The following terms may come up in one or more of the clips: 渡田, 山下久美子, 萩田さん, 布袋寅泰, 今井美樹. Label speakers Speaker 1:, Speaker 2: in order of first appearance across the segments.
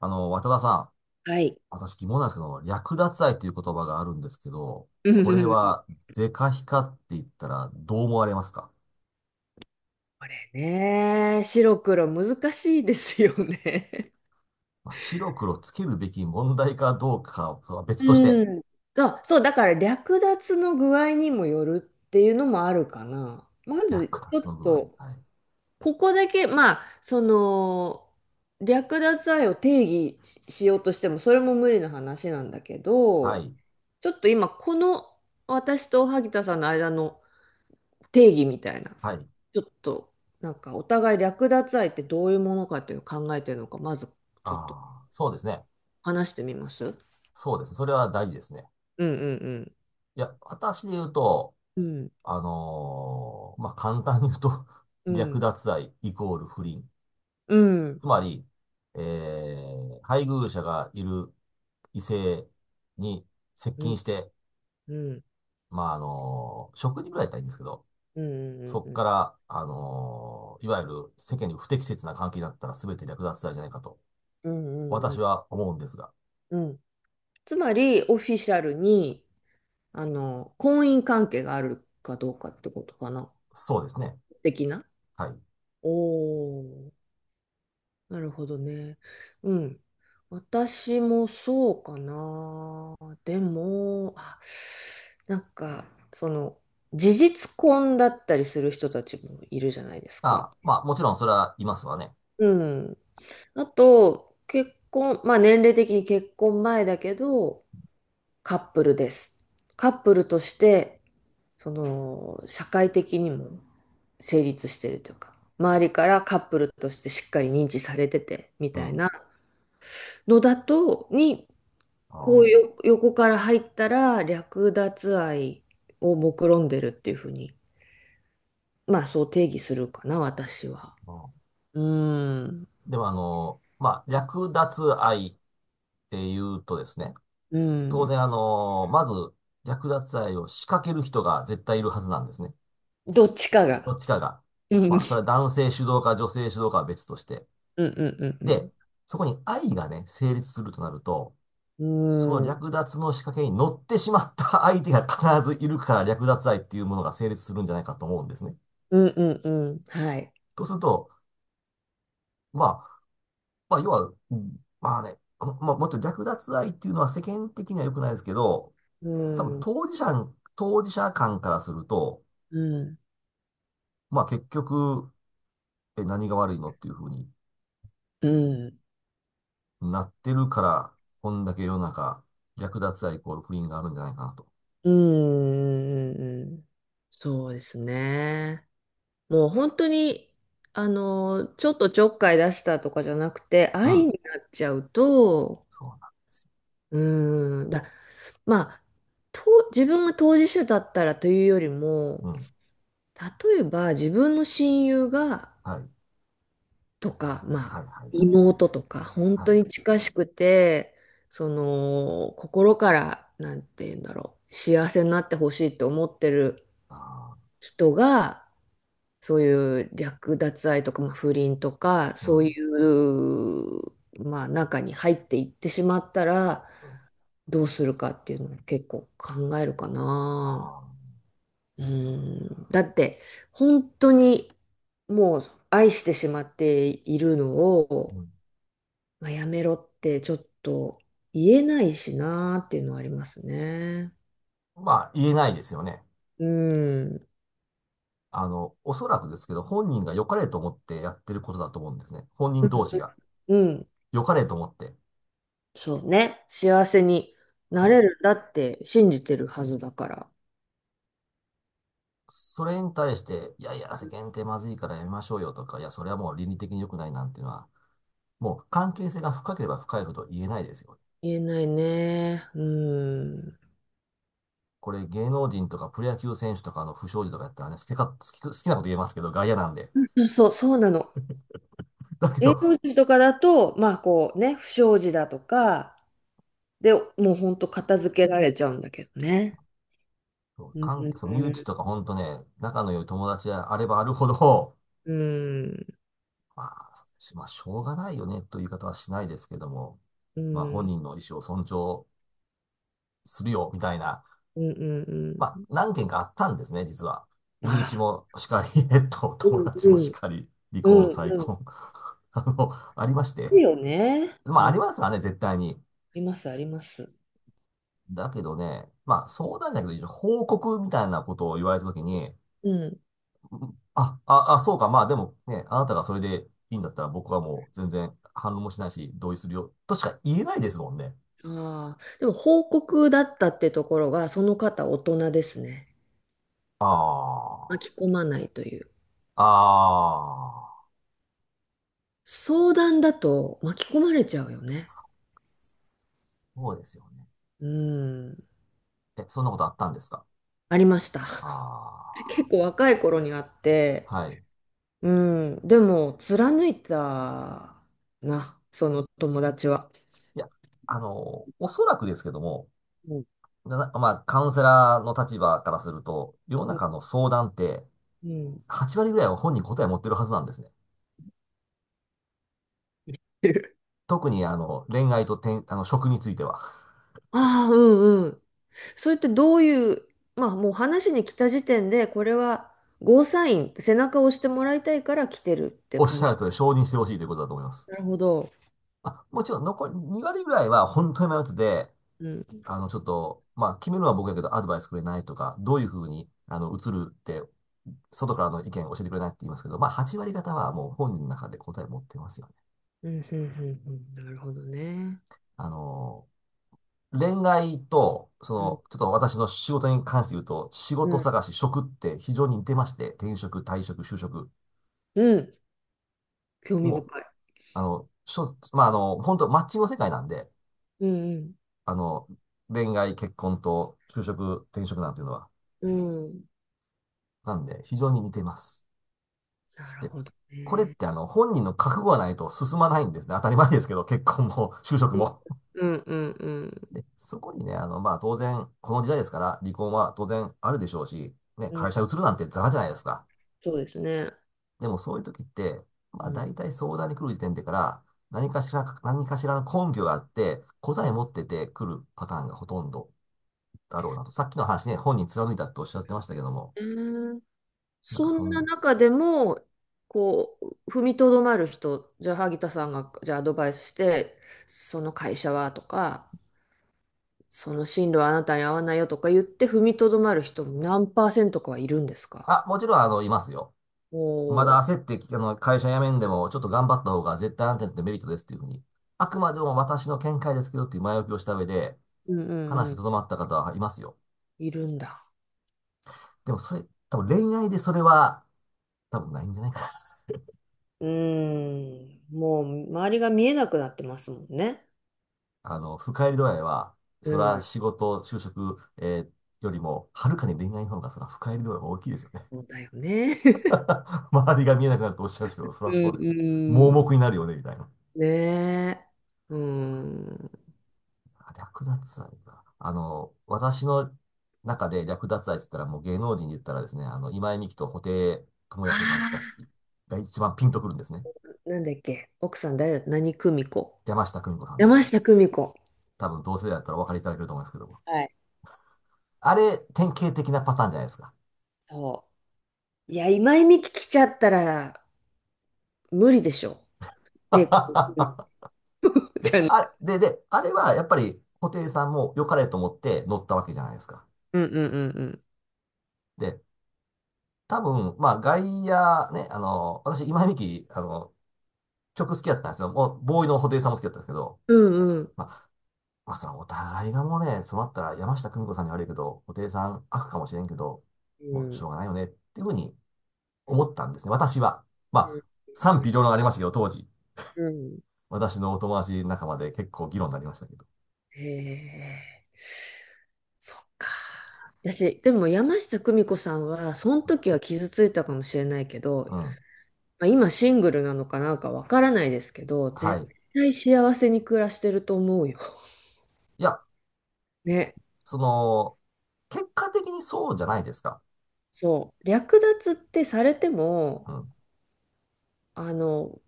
Speaker 1: 渡田さん、
Speaker 2: はい。
Speaker 1: 私疑問なんですけど、略奪愛という言葉があるんですけど、
Speaker 2: うん
Speaker 1: こ
Speaker 2: う
Speaker 1: れ
Speaker 2: んうん
Speaker 1: は、是か非かって言ったらどう思われますか？
Speaker 2: これね、白黒難しいですよね。
Speaker 1: まあ、白黒つけるべき問題かどうかは 別として、
Speaker 2: うん。そう、そう、だから略奪の具合にもよるっていうのもあるかな。ま
Speaker 1: 略
Speaker 2: ず、ちょ
Speaker 1: 奪
Speaker 2: っ
Speaker 1: の具合。
Speaker 2: と、
Speaker 1: はい。
Speaker 2: ここだけ、まあ、その、略奪愛を定義しようとしても、それも無理な話なんだけ
Speaker 1: は
Speaker 2: ど、
Speaker 1: い。
Speaker 2: ちょっと今、この私と萩田さんの間の定義みたいな、
Speaker 1: はい。
Speaker 2: ちょっとなんかお互い略奪愛ってどういうものかっていうのを考えてるのか、まず
Speaker 1: あ
Speaker 2: ちょっと
Speaker 1: あ、そうですね。
Speaker 2: 話してみます
Speaker 1: そうですね。それは大事ですね。
Speaker 2: うんうん
Speaker 1: いや、私で言うと、
Speaker 2: うん。
Speaker 1: まあ、簡単に言うと、
Speaker 2: う
Speaker 1: 略
Speaker 2: ん
Speaker 1: 奪愛イコール不倫。
Speaker 2: うん
Speaker 1: つまり、えー配偶者がいる異性に接
Speaker 2: うん
Speaker 1: 近して、
Speaker 2: うんうん
Speaker 1: まあ、食事ぐらいだったらいいんですけど、
Speaker 2: うんうん
Speaker 1: そこ
Speaker 2: う
Speaker 1: か
Speaker 2: ん
Speaker 1: ら、いわゆる世間に不適切な関係になったら全て略奪罪じゃないかと、
Speaker 2: うんう
Speaker 1: 私
Speaker 2: ん
Speaker 1: は思うんですが。
Speaker 2: うんつまりオフィシャルにあの婚姻関係があるかどうかってことかな
Speaker 1: そうですね。
Speaker 2: 的な
Speaker 1: はい。
Speaker 2: おおなるほどね。うん。私もそうかな。でも、あ、なんか、その、事実婚だったりする人たちもいるじゃないですか。
Speaker 1: あ、まあ、もちろんそれはいますわね。
Speaker 2: うん。あと、結婚、まあ年齢的に結婚前だけど、カップルです。カップルとして、その、社会的にも成立してるというか、周りからカップルとしてしっかり認知されてて、み
Speaker 1: う
Speaker 2: たい
Speaker 1: ん。
Speaker 2: なのだと、に
Speaker 1: あ
Speaker 2: こう
Speaker 1: ー
Speaker 2: よ、横から入ったら略奪愛を目論んでるっていうふうに、まあそう定義するかな、私は。
Speaker 1: まあ
Speaker 2: うーん。
Speaker 1: ーでも、あの、まあ、略奪愛っていうとですね、
Speaker 2: う
Speaker 1: 当
Speaker 2: ん。
Speaker 1: 然、まず、略奪愛を仕掛ける人が絶対いるはずなんですね。
Speaker 2: どっちか
Speaker 1: どっ
Speaker 2: が。
Speaker 1: ちかが。
Speaker 2: うん。
Speaker 1: まあ、それは男性主導か女性主導かは別として。
Speaker 2: うんう
Speaker 1: で、
Speaker 2: ん
Speaker 1: そこに愛がね、成立するとなると、
Speaker 2: う
Speaker 1: その
Speaker 2: んうん。うん。
Speaker 1: 略奪の仕掛けに乗ってしまった相手が必ずいるから略奪愛っていうものが成立するんじゃないかと思うんですね。
Speaker 2: うんうんうん。はい。
Speaker 1: とすると、まあ、要は、まあね、まあ、もっと略奪愛っていうのは世間的には良くないですけど、
Speaker 2: う
Speaker 1: 多分
Speaker 2: ん。う
Speaker 1: 当事者間からすると、
Speaker 2: ん。
Speaker 1: まあ結局、何が悪いのっていうふうに
Speaker 2: うん。
Speaker 1: なってるから、こんだけ世の中、略奪愛イコール不倫があるんじゃないかなと。
Speaker 2: うんうんうんうん。そうですね。もう本当に、あの、ちょっとちょっかい出したとかじゃなくて、
Speaker 1: う
Speaker 2: 愛
Speaker 1: ん。
Speaker 2: になっちゃうと、
Speaker 1: そうな。
Speaker 2: うーん、だ、まあ、と、自分が当事者だったらというよりも、
Speaker 1: うん。
Speaker 2: 例えば自分の親友が、
Speaker 1: はい。
Speaker 2: とか、ま
Speaker 1: は
Speaker 2: あ、
Speaker 1: い、はい、はい。
Speaker 2: 妹とか、本
Speaker 1: は
Speaker 2: 当
Speaker 1: い。
Speaker 2: に近しくて、その、心から、なんて言うんだろう、幸せになってほしいと思ってる
Speaker 1: ああ、
Speaker 2: 人が、そういう略奪愛とか、まあ、不倫とか、
Speaker 1: う
Speaker 2: そうい
Speaker 1: ん。
Speaker 2: う、まあ、中に入っていってしまったら、
Speaker 1: うん、
Speaker 2: どうするかっていうのを結構考えるか
Speaker 1: あ
Speaker 2: な。
Speaker 1: あ、
Speaker 2: うん、だって本当にもう愛してしまっているのを、
Speaker 1: うん。
Speaker 2: まあ、やめろってちょっと言えないしなーっていうのはありますね。
Speaker 1: まあ、言えないですよね。
Speaker 2: うん。
Speaker 1: おそらくですけど、本人が良かれと思ってやってることだと思うんですね。本
Speaker 2: う
Speaker 1: 人同士が。
Speaker 2: ん、うん
Speaker 1: 良かれと思って。
Speaker 2: そうね。幸せになれ
Speaker 1: そう。
Speaker 2: るんだって信じてるはずだから
Speaker 1: それに対して、いやいや、世間ってまずいからやめましょうよとか、いや、それはもう倫理的に良くないなんていうのは、もう関係性が深ければ深いほど言えないですよね。
Speaker 2: 言えないね。うん。
Speaker 1: これ芸能人とかプロ野球選手とかの不祥事とかやったらね、好きか、好き、好きなこと言えますけど、外野なんで。
Speaker 2: そう、そうなの。
Speaker 1: だけ
Speaker 2: 芸能
Speaker 1: ど、
Speaker 2: 人とかだと、まあこうね、不祥事だとか、で、もうほんと片付けられちゃうんだけどね。
Speaker 1: そう
Speaker 2: うん、
Speaker 1: 関
Speaker 2: う
Speaker 1: 係、そう、身内
Speaker 2: ん、
Speaker 1: とかほんとね、仲の良い友達であればあるほど、
Speaker 2: うん、
Speaker 1: まあ、しょうがないよねという言い方はしないですけども、
Speaker 2: う
Speaker 1: まあ、本
Speaker 2: ん、
Speaker 1: 人の意思を尊重するよ、みたいな。
Speaker 2: うん、
Speaker 1: まあ、
Speaker 2: う
Speaker 1: 何件かあったんですね、実は。
Speaker 2: ん。あ
Speaker 1: 身内
Speaker 2: あ、
Speaker 1: もしかり、
Speaker 2: う
Speaker 1: 友
Speaker 2: ん、
Speaker 1: 達
Speaker 2: う
Speaker 1: もし
Speaker 2: ん、
Speaker 1: かり、離
Speaker 2: う
Speaker 1: 婚、
Speaker 2: ん、
Speaker 1: 再
Speaker 2: う
Speaker 1: 婚、あの、ありまし
Speaker 2: ん。
Speaker 1: て。
Speaker 2: いいよね。あ
Speaker 1: まあ、ありますわね、絶対に。
Speaker 2: ります、あります。
Speaker 1: だけどね、まあ相談じゃないけど報告みたいなことを言われたときに、
Speaker 2: うん。
Speaker 1: そうか、まあでもね、あなたがそれでいいんだったら僕はもう全然反論もしないし、同意するよ、としか言えないですもんね。
Speaker 2: ああ、でも報告だったってところが、その方大人ですね。
Speaker 1: あ
Speaker 2: 巻き込まないという。
Speaker 1: あ、ああ、
Speaker 2: 相談だと巻き込まれちゃうよね。
Speaker 1: そうですよね。
Speaker 2: うん。
Speaker 1: え、そんなことあったんですか？
Speaker 2: ありました。
Speaker 1: あ
Speaker 2: 結構若い頃にあって、
Speaker 1: あ。はい。い
Speaker 2: うん、でも貫いたな、その友達は。
Speaker 1: や、おそらくですけども、
Speaker 2: うん。
Speaker 1: まあ、カウンセラーの立場からすると、世の
Speaker 2: うん、
Speaker 1: 中の相談って、
Speaker 2: うん
Speaker 1: 8割ぐらいは本人答え持ってるはずなんですね。特に恋愛と転あの、職については、
Speaker 2: ああ、うんうん。それってどういう、まあもう話に来た時点で、これはゴーサイン、背中を押してもらいたいから来てるっ て
Speaker 1: おっし
Speaker 2: 感
Speaker 1: ゃ
Speaker 2: じ。
Speaker 1: る通り承認してほしいということだと思います。
Speaker 2: なるほど。
Speaker 1: あ、もちろん残り2割ぐらいは本当に迷ってて、
Speaker 2: うん、
Speaker 1: ちょっと、まあ、決めるのは僕やけどアドバイスくれないとか、どういうふうに、映るって、外からの意見教えてくれないって言いますけど、まあ、8割方はもう本人の中で答え持ってますよね。
Speaker 2: うん、うん、うん、うんなるほどね。
Speaker 1: あの、恋愛と、そ
Speaker 2: うん、
Speaker 1: の、ちょっと私の仕事に関して言うと、仕
Speaker 2: う
Speaker 1: 事
Speaker 2: ん、
Speaker 1: 探し、職って非常に似てまして、転職、退職、就職、
Speaker 2: うん、興味
Speaker 1: も
Speaker 2: 深い。
Speaker 1: まあ、本当マッチングの世界なんで、
Speaker 2: うん、
Speaker 1: あの、恋愛、結婚と就職、転職なんていうのは。
Speaker 2: うん、うん、
Speaker 1: なんで、非常に似てます。
Speaker 2: なる
Speaker 1: で、
Speaker 2: ほど
Speaker 1: これっ
Speaker 2: ね。
Speaker 1: て本人の覚悟がないと進まないんですね。当たり前ですけど、結婚も、就職も。
Speaker 2: うん、うん、うん、
Speaker 1: で、そこにね、まあ、当然、この時代ですから、離婚は当然あるでしょうし、ね、
Speaker 2: うん、
Speaker 1: 会社移るなんてザラじゃないですか。
Speaker 2: そうですね。
Speaker 1: でも、そういう時って、
Speaker 2: う
Speaker 1: まあ、
Speaker 2: ん、うん
Speaker 1: 大体相談に来る時点でから、何かしらの根拠があって、答え持ってて来るパターンがほとんどだろうなと。さっきの話ね、本人貫いたっておっしゃってましたけども、
Speaker 2: うーん
Speaker 1: なんか
Speaker 2: そ
Speaker 1: そ
Speaker 2: ん
Speaker 1: ん
Speaker 2: な
Speaker 1: な気が
Speaker 2: 中
Speaker 1: しま
Speaker 2: で
Speaker 1: す。
Speaker 2: も、こう、踏みとどまる人、じゃあ、萩田さんが、じゃあ、アドバイスして、その会社はとか、その進路はあなたに合わないよとか言って、踏みとどまる人、何パーセントかはいるんですか？
Speaker 1: あ、もちろん、いますよ。
Speaker 2: お
Speaker 1: まだ
Speaker 2: お
Speaker 1: 焦って、会社辞めんでも、ちょっと頑張った方が絶対安定ってメリットですっていうふうに、あくまでも私の見解ですけどっていう前置きをした上で、
Speaker 2: ー、うんう
Speaker 1: 話し
Speaker 2: ん
Speaker 1: て
Speaker 2: う
Speaker 1: とどまった方はいますよ。
Speaker 2: ん、いるんだ。
Speaker 1: でもそれ、多分恋愛でそれは、多分ないんじゃないかな。
Speaker 2: うーん、もう周りが見えなくなってますもんね。
Speaker 1: 深入り度合いは、
Speaker 2: う
Speaker 1: それは
Speaker 2: ん、
Speaker 1: 仕事、就職、よりも、はるかに恋愛の方が、それは深入り度合いが大きいですよね。
Speaker 2: そうだよね。
Speaker 1: 周りが見えなくなるとおっしゃるんですけど、それ
Speaker 2: う
Speaker 1: はそうだよね。
Speaker 2: ん
Speaker 1: 盲
Speaker 2: うん。
Speaker 1: 目 になるよね、みたいな。
Speaker 2: ねえ。うん。
Speaker 1: あ、略奪愛か。私の中で略奪愛って言ったら、もう芸能人で言ったらですね、今井美樹と布袋寅泰さんしかし、
Speaker 2: あ
Speaker 1: が一番ピンとくるんですね。
Speaker 2: なんだっけ、奥さん誰だ、何久美子。
Speaker 1: 山下久美子さんで
Speaker 2: 山下久
Speaker 1: す。
Speaker 2: 美子。
Speaker 1: 多分同世代だったらお分かりいただけると思いますけども。
Speaker 2: はい。
Speaker 1: あれ、典型的なパターンじゃないですか。
Speaker 2: そう。いや、今井美樹来ちゃったら無理でしょ。で、こ うちゃん。
Speaker 1: で、あれはやっぱり布袋さんも良かれと思って乗ったわけじゃないですか。
Speaker 2: うんうんうんうん。
Speaker 1: で、多分、まあ、外野ね、私、今井美樹、曲好きだったんですよ。もう、ボーイの布袋さんも好きだったんですけど、
Speaker 2: うんうん。
Speaker 1: ままあさ、そのお互いがもうね、そうなったら山下久美子さんに悪いけど、布袋さん悪かもしれんけど、
Speaker 2: う
Speaker 1: もうし
Speaker 2: ん
Speaker 1: ょうがないよねっていうふうに思ったんですね、私は。まあ、
Speaker 2: う
Speaker 1: 賛
Speaker 2: んう
Speaker 1: 否
Speaker 2: ん。
Speaker 1: 両論ありましたけど、当時。
Speaker 2: うん
Speaker 1: 私のお友達仲間で結構議論になりましたけど。
Speaker 2: へえ。そっか。私、でも山下久美子さんは、その時は傷ついたかもしれないけど、
Speaker 1: うん。
Speaker 2: まあ、今シングルなのかなんかわからないですけど、
Speaker 1: は
Speaker 2: 絶
Speaker 1: い。い
Speaker 2: 対幸せに暮らしてると思うよ。
Speaker 1: や、
Speaker 2: ね。
Speaker 1: その、結果的にそうじゃないですか。
Speaker 2: そう、略奪ってされて
Speaker 1: う
Speaker 2: も、
Speaker 1: ん。
Speaker 2: あの、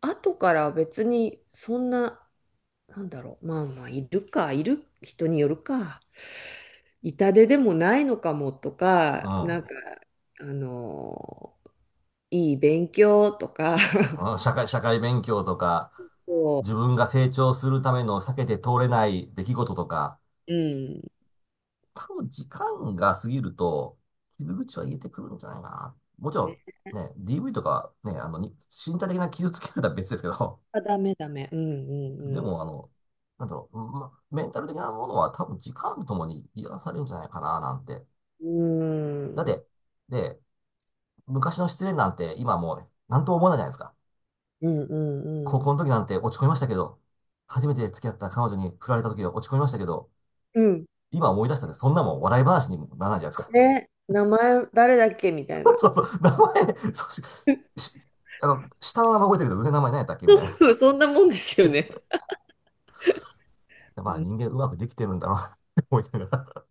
Speaker 2: 後から別にそんな、なんだろう、まあまあ、いるか、いる人によるか、痛手でもないのかもと
Speaker 1: う
Speaker 2: か、なん
Speaker 1: ん。
Speaker 2: か、あの、いい勉強とか、
Speaker 1: うん、社会勉強とか、
Speaker 2: そ
Speaker 1: 自分が成長するための避けて通れない出来事とか、
Speaker 2: う、うん、
Speaker 1: 多分時間が過ぎると、傷口は癒えてくるんじゃないかな。もち
Speaker 2: ね、
Speaker 1: ろん、ね、DV とか、ね、に身体的な傷つけられたら別ですけど、
Speaker 2: あ、ダメダメ、うん
Speaker 1: で
Speaker 2: うん
Speaker 1: も、なんだろう、ま、メンタル的なものは多分時間とともに癒されるんじゃないかな、なんて。
Speaker 2: うん、う
Speaker 1: だっ
Speaker 2: ん、
Speaker 1: て、で、昔の失恋なんて今もうね、なんとも思わないじゃないですか。
Speaker 2: うんう
Speaker 1: 高
Speaker 2: んう
Speaker 1: 校
Speaker 2: ん、
Speaker 1: の時なんて落ち込みましたけど、初めて付き合った彼女に振られた時は落ち込みましたけど、
Speaker 2: うん、
Speaker 1: 今思い出したってそんなもん笑い話にもならないじゃないですか。
Speaker 2: ね、名前誰だっけみたい な。
Speaker 1: そうそう、名前、そうし、しあの、下の名前覚えてるけど、上の名前何やったっけみたい な。
Speaker 2: そうそんなもんですよね。
Speaker 1: まあ、
Speaker 2: う
Speaker 1: 人間うまくできてるんだろうなって思いながら。